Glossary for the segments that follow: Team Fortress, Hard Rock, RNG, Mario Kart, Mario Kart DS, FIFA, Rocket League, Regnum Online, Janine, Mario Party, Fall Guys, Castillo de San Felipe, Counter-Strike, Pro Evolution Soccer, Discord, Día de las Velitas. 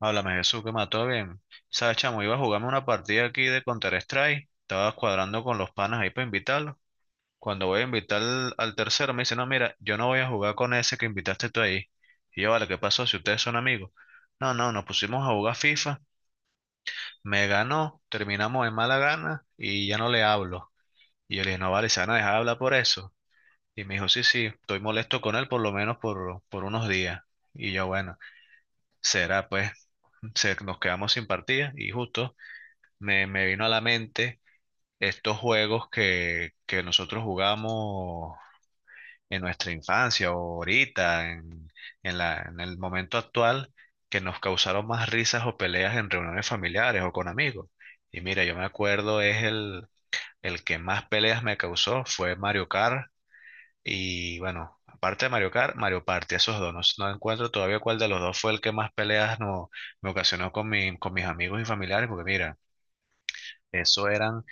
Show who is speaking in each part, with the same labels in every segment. Speaker 1: Háblame, Jesús, que mató bien. Sabes, chamo, iba a jugarme una partida aquí de Counter-Strike. Estaba cuadrando con los panas ahí para invitarlos. Cuando voy a invitar al tercero, me dice, no, mira, yo no voy a jugar con ese que invitaste tú ahí. Y yo, vale, ¿qué pasó si ustedes son amigos? No, no, nos pusimos a jugar FIFA. Me ganó, terminamos en mala gana y ya no le hablo. Y yo le dije, no, vale, se van a dejar hablar por eso. Y me dijo, sí, sí, estoy molesto con él por lo menos por unos días. Y yo, bueno, será pues, nos quedamos sin partida y justo. Me vino a la mente estos juegos que nosotros jugamos en nuestra infancia o ahorita, en en el momento actual, que nos causaron más risas o peleas en reuniones familiares o con amigos. Y mira, yo me acuerdo, el que más peleas me causó fue Mario Kart. Y bueno, aparte de Mario Kart, Mario Party, esos dos. No encuentro todavía cuál de los dos fue el que más peleas no, me ocasionó con mis amigos y familiares, porque mira, eso eran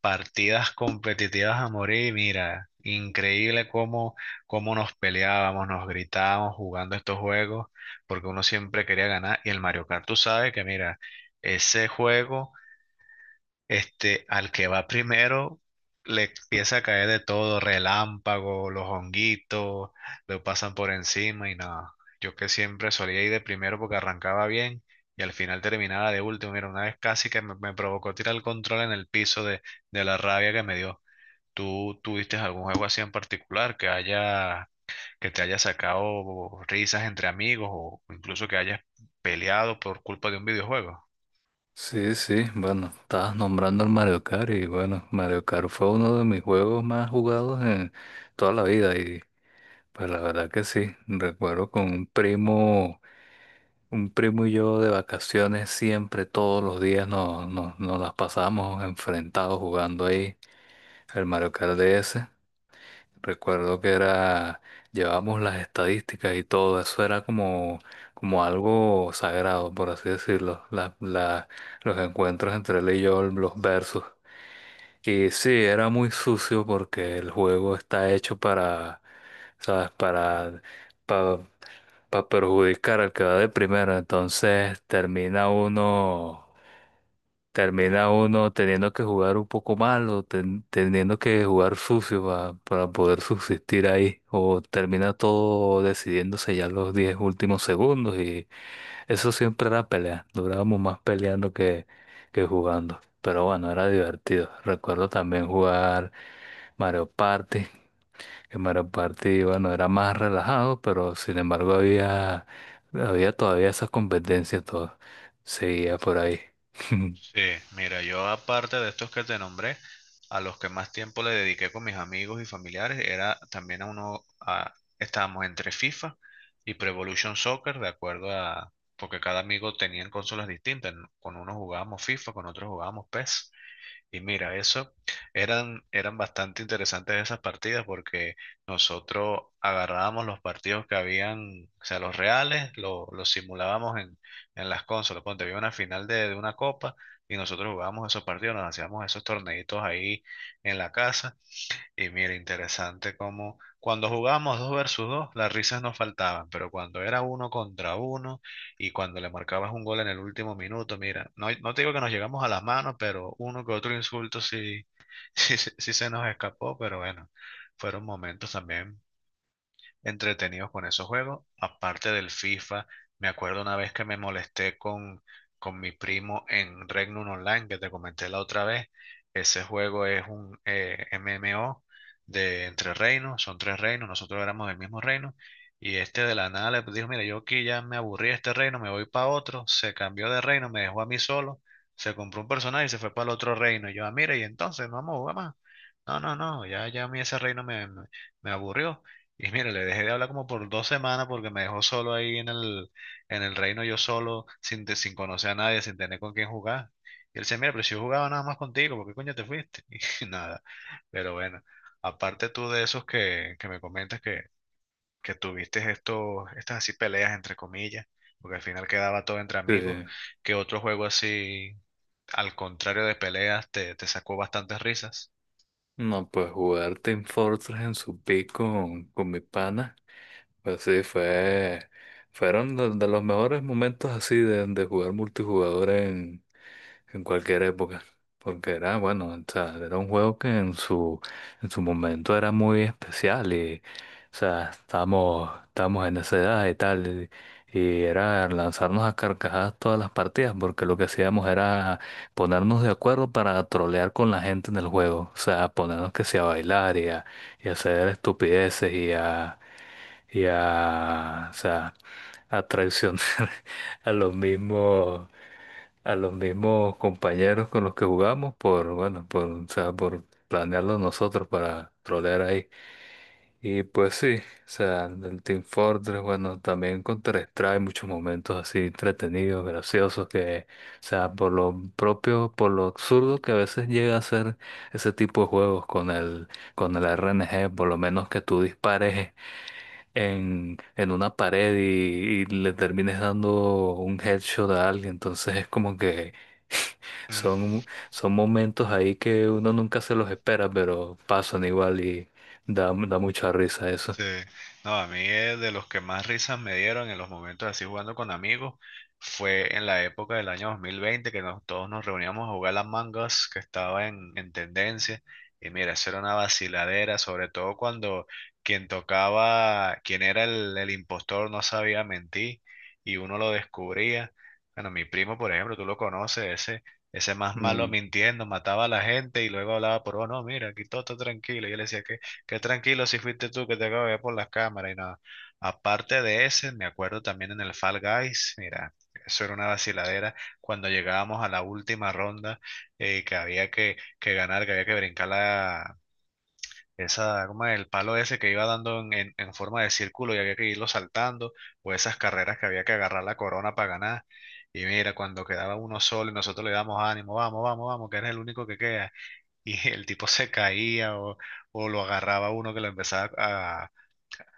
Speaker 1: partidas competitivas a morir. Mira, increíble cómo nos peleábamos, nos gritábamos jugando estos juegos, porque uno siempre quería ganar. Y el Mario Kart, tú sabes que, mira, ese juego este, al que va primero le empieza a caer de todo, relámpago, los honguitos, lo pasan por encima y nada. Yo que siempre solía ir de primero porque arrancaba bien y al final terminaba de último. Mira, una vez casi que me provocó tirar el control en el piso de la rabia que me dio. ¿Tú tuviste algún juego así en particular que haya, que te haya sacado risas entre amigos o incluso que hayas peleado por culpa de un videojuego?
Speaker 2: Sí, sí, bueno, estabas nombrando el Mario Kart y bueno, Mario Kart fue uno de mis juegos más jugados en toda la vida y pues la verdad que sí, recuerdo con un primo y yo de vacaciones siempre, todos los días nos las pasábamos enfrentados jugando ahí el Mario Kart DS. Recuerdo que era, llevábamos las estadísticas y todo, eso era como, como algo sagrado, por así decirlo, los encuentros entre él y yo, los versos. Y sí, era muy sucio porque el juego está hecho para, ¿sabes? Para, perjudicar al que va de primero, entonces termina uno teniendo que jugar un poco mal o teniendo que jugar sucio para poder subsistir ahí, o termina todo decidiéndose ya los 10 últimos segundos y eso siempre era pelea, durábamos más peleando que jugando, pero bueno, era divertido. Recuerdo también jugar Mario Party, que Mario Party, bueno, era más relajado, pero sin embargo había todavía esas competencias, todo seguía por ahí.
Speaker 1: Sí, mira, yo aparte de estos que te nombré, a los que más tiempo le dediqué con mis amigos y familiares era también a uno, a- estábamos entre FIFA y Pro Evolution Soccer, de acuerdo a, porque cada amigo tenía consolas distintas, ¿no? Con unos jugábamos FIFA, con otros jugábamos PES. Y mira, eso eran bastante interesantes esas partidas porque nosotros agarrábamos los partidos que habían, o sea, los reales, lo- los simulábamos en las consolas. Ponte, había una final de una copa y nosotros jugábamos esos partidos, nos hacíamos esos torneitos ahí en la casa. Y mira, interesante cómo cuando jugábamos dos versus dos, las risas nos faltaban, pero cuando era uno contra uno y cuando le marcabas un gol en el último minuto, mira, no te digo que nos llegamos a las manos, pero uno que otro insulto sí, sí, sí se nos escapó, pero bueno, fueron momentos también entretenidos con esos juegos. Aparte del FIFA, me acuerdo una vez que me molesté con mi primo en Regnum Online, que te comenté la otra vez. Ese juego es un MMO de entre reinos, son tres reinos, nosotros éramos del mismo reino. Y este de la nada le dijo, mira, yo aquí ya me aburrí de este reino, me voy para otro. Se cambió de reino, me dejó a mí solo. Se compró un personaje y se fue para el otro reino. Y yo, ah, mira, y entonces, no vamos a jugar más. No, no, no, ya, ya a mí ese reino me me aburrió. Y mira, le dejé de hablar como por 2 semanas porque me dejó solo ahí en el reino, yo solo, sin, te- sin conocer a nadie, sin tener con quién jugar. Y él decía, mira, pero si yo jugaba nada más contigo, ¿por qué coño te fuiste? Y nada. Pero bueno, aparte tú de esos que me comentas que tuviste estos, estas así peleas entre comillas, porque al final quedaba todo entre
Speaker 2: Sí.
Speaker 1: amigos, que otro juego así, al contrario de peleas, te sacó bastantes risas?
Speaker 2: No, pues jugar Team Fortress en su pico con mi pana, pues sí, fueron de los mejores momentos así de jugar multijugador en cualquier época. Porque era, bueno, o sea, era un juego que en su momento era muy especial y, o sea, estábamos en esa edad y tal. Y era lanzarnos a carcajadas todas las partidas porque lo que hacíamos era ponernos de acuerdo para trolear con la gente en el juego. O sea, ponernos que sea a bailar y a hacer estupideces o sea, a traicionar. a los mismos, a los mismos compañeros con los que jugamos por, bueno, por, o sea, por planearlo nosotros para trolear ahí. Y pues sí, o sea, el Team Fortress, bueno, también Counter-Strike, muchos momentos así entretenidos, graciosos, que, o sea, por lo propio, por lo absurdo que a veces llega a ser ese tipo de juegos con el RNG, por lo menos que tú dispares en una pared y le termines dando un headshot a alguien. Entonces es como que son momentos ahí que uno nunca se los espera, pero pasan igual y da mucha risa eso.
Speaker 1: Sí, no, a mí de los que más risas me dieron en los momentos así jugando con amigos fue en la época del año 2020 que nos, todos nos reuníamos a jugar las mangas que estaba en tendencia. Y mira, eso era una vaciladera, sobre todo cuando quien tocaba, quien era el impostor no sabía mentir y uno lo descubría. Bueno, mi primo, por ejemplo, tú lo conoces, ese más malo
Speaker 2: Mm,
Speaker 1: mintiendo, mataba a la gente y luego hablaba por, oh, no, mira, aquí todo está tranquilo. Y yo le decía, ¿qué? Qué tranquilo si fuiste tú que te acabo de ver por las cámaras y nada. Aparte de ese, me acuerdo también en el Fall Guys, mira, eso era una vaciladera cuando llegábamos a la última ronda que ganar, que había que brincar esa, ¿cómo es? El palo ese que iba dando en forma de círculo y había que irlo saltando, o esas carreras que había que agarrar la corona para ganar. Y mira, cuando quedaba uno solo y nosotros le damos ánimo, vamos, vamos, vamos, que eres el único que queda y el tipo se caía o lo agarraba uno que lo empezaba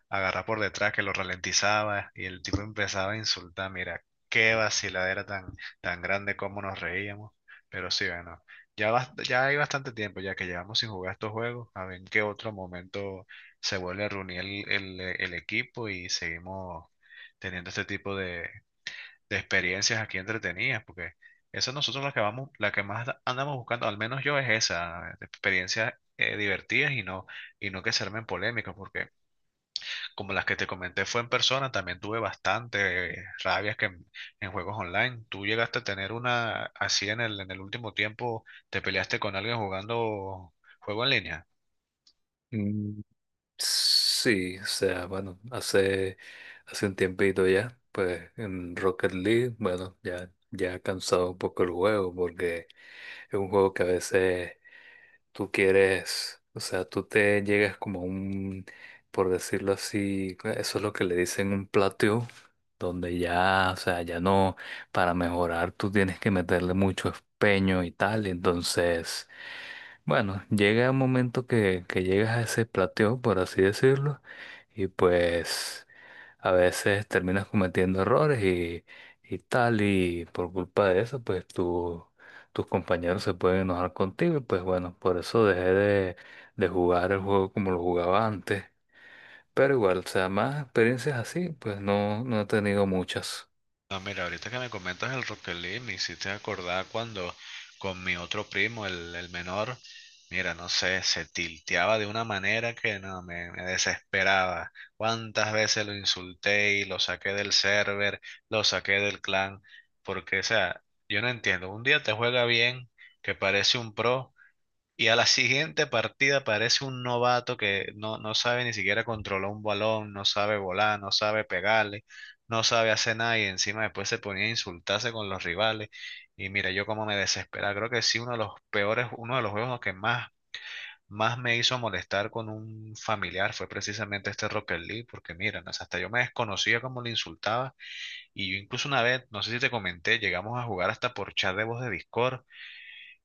Speaker 1: a agarrar por detrás, que lo ralentizaba y el tipo empezaba a insultar. Mira, qué vaciladera tan grande como nos reíamos, pero sí, bueno, ya, ya hay bastante tiempo ya que llevamos sin jugar estos juegos, a ver en qué otro momento se vuelve a reunir el equipo y seguimos teniendo este tipo de experiencias aquí entretenidas, porque esa nosotros la que vamos, la que más andamos buscando, al menos yo es esa, de experiencias divertidas y no que se armen polémicas, porque como las que te comenté fue en persona, también tuve bastante rabias en juegos online. ¿Tú llegaste a tener una así en el último tiempo, te peleaste con alguien jugando juego en línea?
Speaker 2: mm, sí, o sea, bueno, hace un tiempito ya, pues en Rocket League, bueno, ya ha cansado un poco el juego porque es un juego que a veces tú quieres, o sea, tú te llegas como a un, por decirlo así, eso es lo que le dicen un plateo, donde ya, o sea, ya no, para mejorar tú tienes que meterle mucho empeño y tal, y entonces, bueno, llega un momento que llegas a ese plateo, por así decirlo, y pues a veces terminas cometiendo errores y tal, y por culpa de eso, pues tus compañeros se pueden enojar contigo, y pues bueno, por eso dejé de jugar el juego como lo jugaba antes. Pero igual, o sea, más experiencias así, pues no, no he tenido muchas.
Speaker 1: No, mira, ahorita que me comentas el Rocket League, me hiciste acordar cuando con mi otro primo, el menor, mira, no sé, se tilteaba de una manera que no, me desesperaba. Cuántas veces lo insulté y lo saqué del server, lo saqué del clan, porque, o sea, yo no entiendo, un día te juega bien, que parece un pro, y a la siguiente partida parece un novato que no, no sabe ni siquiera controlar un balón, no sabe volar, no sabe pegarle, no sabe hacer nada y encima después se ponía a insultarse con los rivales. Y mira, yo como me desesperaba. Creo que sí, uno de los peores, uno de los juegos más me hizo molestar con un familiar fue precisamente este Rocket League, porque mira, no sé, hasta yo me desconocía cómo le insultaba. Y yo incluso una vez, no sé si te comenté, llegamos a jugar hasta por chat de voz de Discord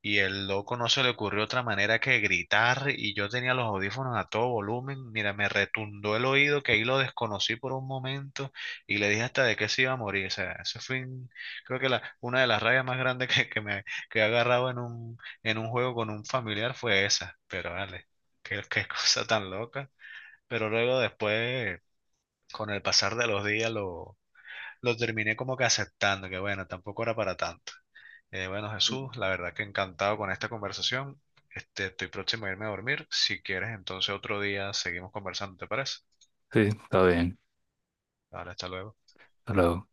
Speaker 1: y el loco no se le ocurrió otra manera que gritar y yo tenía los audífonos a todo volumen. Mira, me retundó el oído que ahí lo desconocí por un momento y le dije hasta de qué se iba a morir. O sea, eso fue, un- creo que la, una de las rayas más grandes que me que he agarrado en un juego con un familiar fue esa. Pero vale, qué, qué cosa tan loca. Pero luego después, con el pasar de los días, lo terminé como que aceptando, que bueno, tampoco era para tanto. Bueno, Jesús, la verdad que encantado con esta conversación. Este, estoy próximo a irme a dormir. Si quieres, entonces otro día seguimos conversando, ¿te parece?
Speaker 2: Sí, está bien.
Speaker 1: Vale, hasta luego.
Speaker 2: Hasta luego.